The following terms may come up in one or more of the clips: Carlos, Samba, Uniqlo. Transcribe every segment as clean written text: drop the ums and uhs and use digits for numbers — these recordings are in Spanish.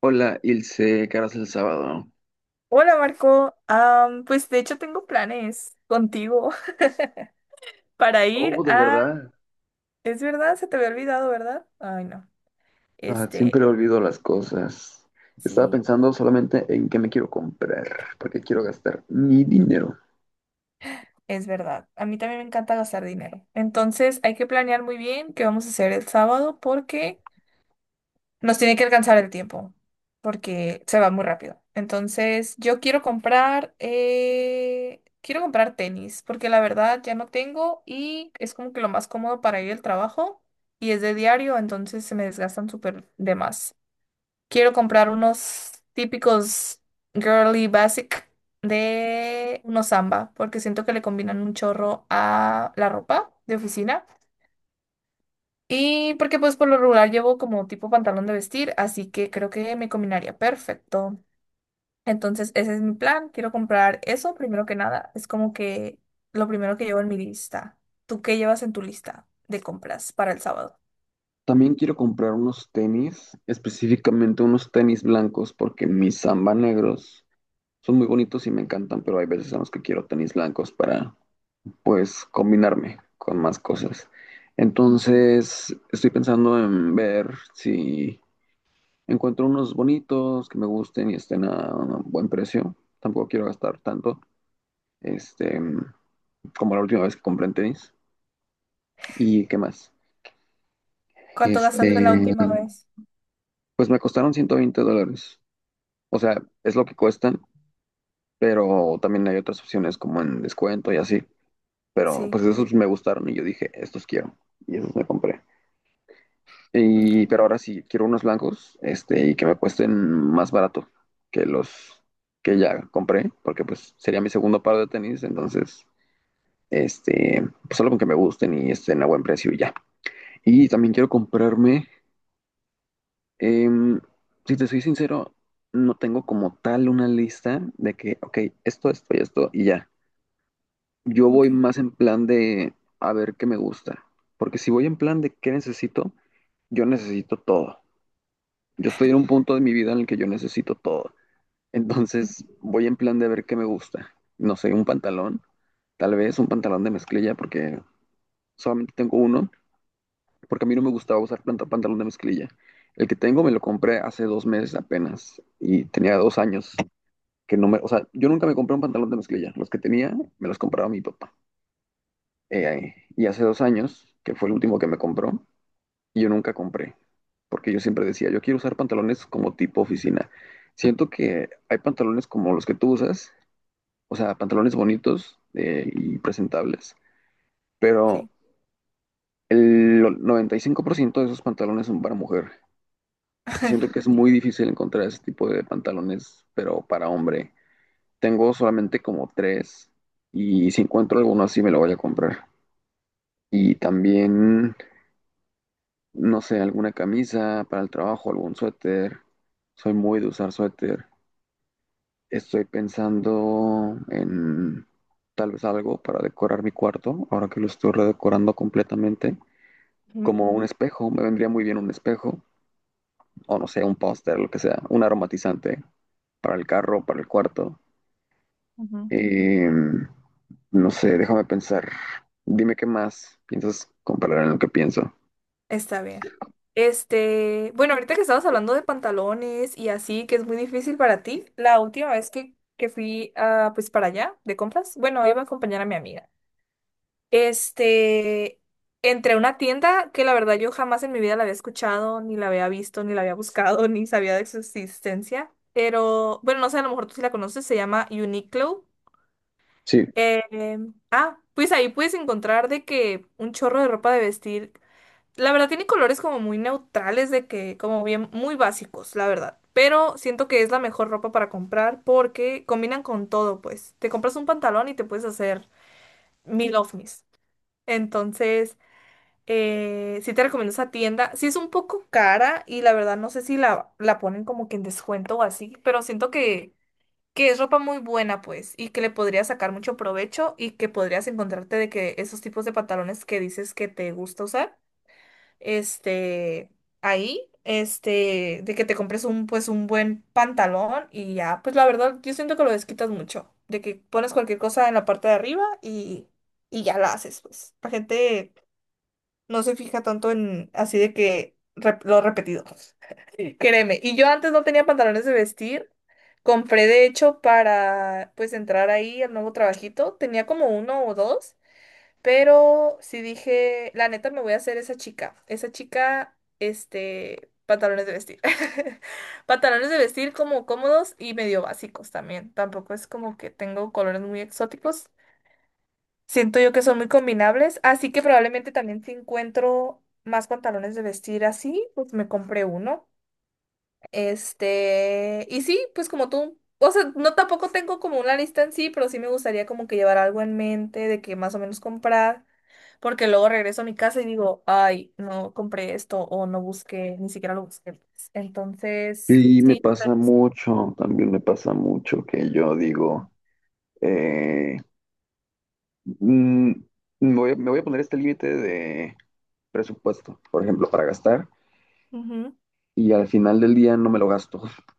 Hola, Ilse, ¿qué el sábado? Hola Marco, pues de hecho tengo planes contigo para ir Oh, de a... verdad. Es verdad, se te había olvidado, ¿verdad? Ay, no. Ah, Este, siempre olvido las cosas. Estaba sí, pensando solamente en qué me quiero comprar, porque quiero gastar mi dinero. es verdad. A mí también me encanta gastar dinero. Entonces hay que planear muy bien qué vamos a hacer el sábado porque nos tiene que alcanzar el tiempo porque se va muy rápido. Entonces, yo quiero quiero comprar tenis porque la verdad ya no tengo y es como que lo más cómodo para ir al trabajo y es de diario, entonces se me desgastan súper de más. Quiero comprar unos típicos girly basic de unos Samba porque siento que le combinan un chorro a la ropa de oficina. Y porque pues por lo regular llevo como tipo pantalón de vestir, así que creo que me combinaría perfecto. Entonces, ese es mi plan. Quiero comprar eso primero que nada. Es como que lo primero que llevo en mi lista. ¿Tú qué llevas en tu lista de compras para el sábado? También quiero comprar unos tenis, específicamente unos tenis blancos, porque mis Samba negros son muy bonitos y me encantan, pero hay veces en los que quiero tenis blancos para, pues, combinarme con más cosas. Mm. Entonces, estoy pensando en ver si encuentro unos bonitos que me gusten y estén a un buen precio. Tampoco quiero gastar tanto, este, como la última vez que compré en tenis. ¿Y qué más? ¿Cuánto Este, gastaste la última vez? pues me costaron $120. O sea, es lo que cuestan, pero también hay otras opciones como en descuento y así. Pero Sí. pues esos me gustaron y yo dije, estos quiero. Y esos me compré. Mm. Y, pero ahora sí, quiero unos blancos, y que me cuesten más barato que los que ya compré, porque pues sería mi segundo par de tenis, entonces, pues solo con que me gusten y estén a buen precio y ya. Y también quiero comprarme, em, si te soy sincero, no tengo como tal una lista de que, ok, esto y esto y ya. Yo voy Ok. más en plan de a ver qué me gusta, porque si voy en plan de qué necesito, yo necesito todo. Yo estoy en un punto de mi vida en el que yo necesito todo. Entonces Ujú. voy en plan de ver qué me gusta. No sé, un pantalón, tal vez un pantalón de mezclilla, porque solamente tengo uno, porque a mí no me gustaba usar pantalón de mezclilla. El que tengo me lo compré hace 2 meses apenas y tenía 2 años que no me, o sea, yo nunca me compré un pantalón de mezclilla. Los que tenía me los compraba mi papá. Y hace 2 años, que fue el último que me compró, y yo nunca compré, porque yo siempre decía, yo quiero usar pantalones como tipo oficina. Siento que hay pantalones como los que tú usas, o sea, pantalones bonitos y presentables, pero Sí. el 95% de esos pantalones son para mujer. Y siento que es muy difícil encontrar ese tipo de pantalones, pero para hombre. Tengo solamente como tres y si encuentro alguno así me lo voy a comprar. Y también no sé, alguna camisa para el trabajo, algún suéter. Soy muy de usar suéter. Estoy pensando en tal vez algo para decorar mi cuarto, ahora que lo estoy redecorando completamente. Como un espejo, me vendría muy bien un espejo, o no sé, un póster, lo que sea, un aromatizante para el carro, para el cuarto. Ujú. Em, no sé, déjame pensar. Dime qué más piensas comparar en lo que pienso. Está bien. Bueno, ahorita que estabas hablando de pantalones y así, que es muy difícil para ti, la última vez que fui a, pues para allá de compras, bueno, iba a acompañar a mi amiga. Este, entré a una tienda que la verdad yo jamás en mi vida la había escuchado, ni la había visto, ni la había buscado, ni sabía de su existencia. Pero, bueno, no sé, a lo mejor tú sí la conoces, se llama Uniqlo. Sí. Eh, pues ahí puedes encontrar de que un chorro de ropa de vestir. La verdad tiene colores como muy neutrales, de que como bien muy básicos, la verdad. Pero siento que es la mejor ropa para comprar porque combinan con todo, pues. Te compras un pantalón y te puedes hacer mil outfits. Entonces, sí te recomiendo esa tienda. Sí es un poco cara y la verdad no sé si la ponen como que en descuento o así, pero siento que es ropa muy buena, pues, y que le podrías sacar mucho provecho y que podrías encontrarte de que esos tipos de pantalones que dices que te gusta usar este, de que te compres un, pues, un buen pantalón y ya, pues la verdad, yo siento que lo desquitas mucho, de que pones cualquier cosa en la parte de arriba y ya la haces, pues. La gente no se fija tanto en así de que lo repetido. Sí. Créeme, y yo antes no tenía pantalones de vestir. Compré, de hecho, para pues entrar ahí al nuevo trabajito, tenía como uno o dos, pero sí dije, la neta me voy a hacer esa chica. Esa chica, pantalones de vestir. Pantalones de vestir como cómodos y medio básicos también. Tampoco es como que tengo colores muy exóticos. Siento yo que son muy combinables, así que probablemente también si encuentro más pantalones de vestir así, pues me compré uno. Y sí, pues como tú, o sea, no tampoco tengo como una lista en sí, pero sí me gustaría como que llevar algo en mente de que más o menos comprar, porque luego regreso a mi casa y digo, ay, no compré esto o no busqué, ni siquiera lo busqué, pues. Entonces, Y me sí, pasa pues, mucho, también me pasa mucho que yo digo, eh, mm, me voy a poner este límite de presupuesto, por ejemplo, para gastar, ujú, y al final del día no me lo gasto.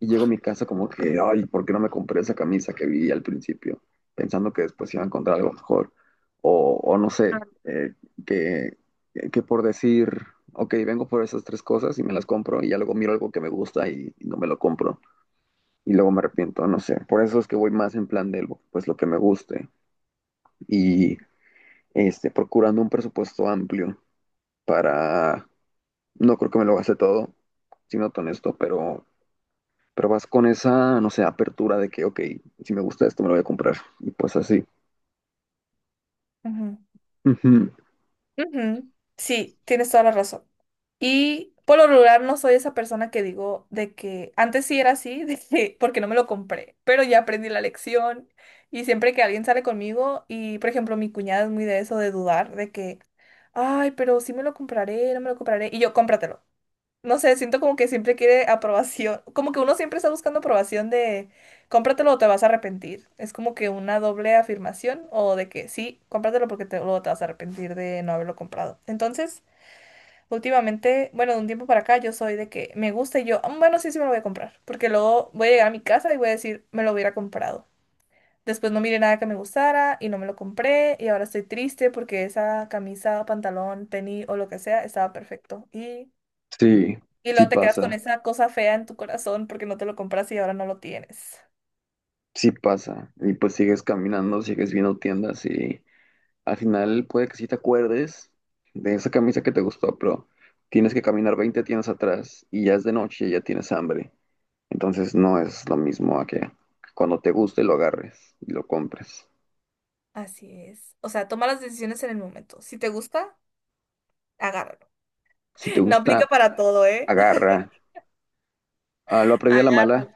Y llego a mi casa como que, ay, ¿por qué no me compré esa camisa que vi al principio? Pensando que después iba a encontrar algo mejor. O no ah, sé, que, que por decir, ok, vengo por esas tres cosas y me las compro, y ya luego miro algo que me gusta y no me lo compro. Y luego me arrepiento, no sé. Por eso es que voy más en plan de pues lo que me guste y procurando un presupuesto amplio, para no creo que me lo gaste todo, siendo honesto, pero vas con esa, no sé, apertura de que, ok, si me gusta esto me lo voy a comprar y pues así. ujú. Ujú. Ujú. Sí, tienes toda la razón. Y por lo regular no soy esa persona que digo de que antes sí era así, de que porque no me lo compré, pero ya aprendí la lección, y siempre que alguien sale conmigo y por ejemplo mi cuñada es muy de eso de dudar de que ay, pero sí me lo compraré, no me lo compraré, y yo cómpratelo. No sé, siento como que siempre quiere aprobación, como que uno siempre está buscando aprobación de cómpratelo o te vas a arrepentir. Es como que una doble afirmación o de que sí, cómpratelo porque te, luego te vas a arrepentir de no haberlo comprado. Entonces, últimamente, bueno, de un tiempo para acá yo soy de que me gusta y yo, "Mm, bueno, sí, sí me lo voy a comprar, porque luego voy a llegar a mi casa y voy a decir, me lo hubiera comprado. Después no miré nada que me gustara y no me lo compré y ahora estoy triste porque esa camisa, pantalón, tenis o lo que sea estaba perfecto". Y Sí, y sí luego te quedas con pasa, esa cosa fea en tu corazón porque no te lo compras y ahora no lo tienes. sí pasa y pues sigues caminando, sigues viendo tiendas y al final puede que sí te acuerdes de esa camisa que te gustó, pero tienes que caminar 20 tiendas atrás y ya es de noche y ya tienes hambre. Entonces no es lo mismo a que cuando te guste lo agarres y lo compres. Así es. O sea, toma las decisiones en el momento. Si te gusta, agárralo. Si te No gusta, aplica para todo, ¿eh? agarra. Ah, lo aprendí a la mala, Agárralo.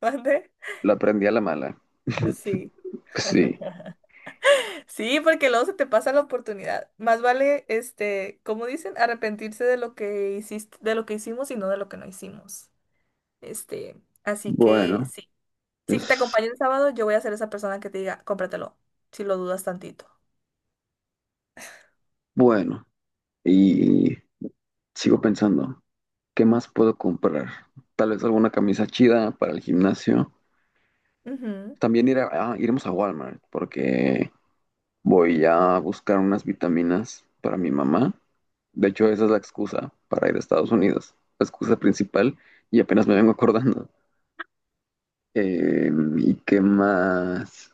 ¿Mande? lo aprendí a la mala. Sí. Sí, Sí, porque luego se te pasa la oportunidad. Más vale, como dicen, arrepentirse de lo que hiciste, de lo que hicimos y no de lo que no hicimos. Así que bueno, sí. Si te es acompaño el sábado, yo voy a ser esa persona que te diga, cómpratelo, si lo dudas tantito. bueno. Y sigo pensando, ¿qué más puedo comprar? Tal vez alguna camisa chida para el gimnasio. Ujú. También iremos a Walmart porque voy a buscar unas vitaminas para mi mamá. De hecho, esa es Ujú. la excusa para ir a Estados Unidos. La excusa principal y apenas me vengo acordando. Eh, ¿Y qué más?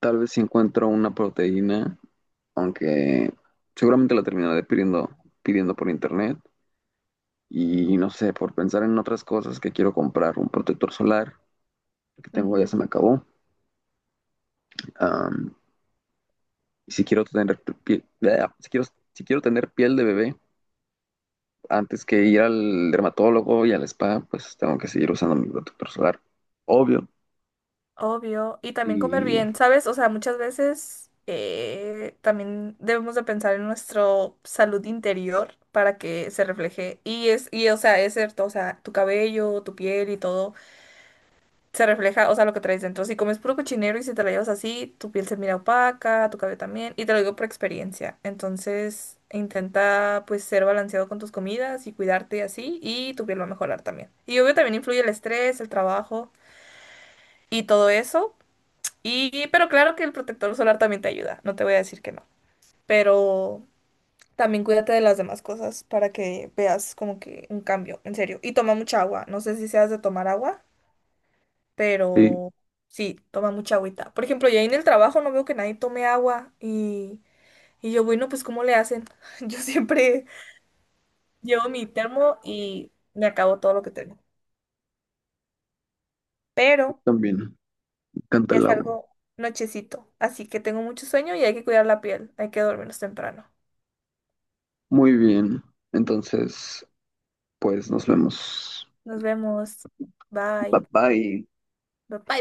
Tal vez si encuentro una proteína, aunque seguramente la terminaré pidiendo por internet. Y no sé, por pensar en otras cosas que quiero comprar, un protector solar que tengo ya Ujú. se me acabó. Am, y si quiero tener, pi- bleh, si quiero, si quiero tener piel de bebé, antes que ir al dermatólogo y al spa, pues tengo que seguir usando mi protector solar, obvio. Obvio, y también comer Y bien, ¿sabes? O sea, muchas veces también debemos de pensar en nuestra salud interior para que se refleje. Y es, y o sea, es cierto, o sea, tu cabello, tu piel y todo se refleja, o sea, lo que traes dentro. Si comes puro cochinero y si te la llevas así, tu piel se mira opaca, tu cabello también, y te lo digo por experiencia. Entonces, intenta pues ser balanceado con tus comidas y cuidarte así, y tu piel va a mejorar también. Y obvio también influye el estrés, el trabajo y todo eso. Y, pero claro que el protector solar también te ayuda, no te voy a decir que no. Pero también cuídate de las demás cosas para que veas como que un cambio, en serio. Y toma mucha agua, no sé si seas de tomar agua, sí, pero sí, toma mucha agüita. Por ejemplo, yo ahí en el trabajo no veo que nadie tome agua, y yo, bueno, pues ¿cómo le hacen? Yo siempre llevo mi termo y me acabo todo lo que tengo. Pero también me encanta ya el es agua. algo nochecito, así que tengo mucho sueño y hay que cuidar la piel, hay que dormirnos temprano. Muy bien, entonces, pues nos vemos. Nos vemos. Bye Bye. bye. Bye. Bye.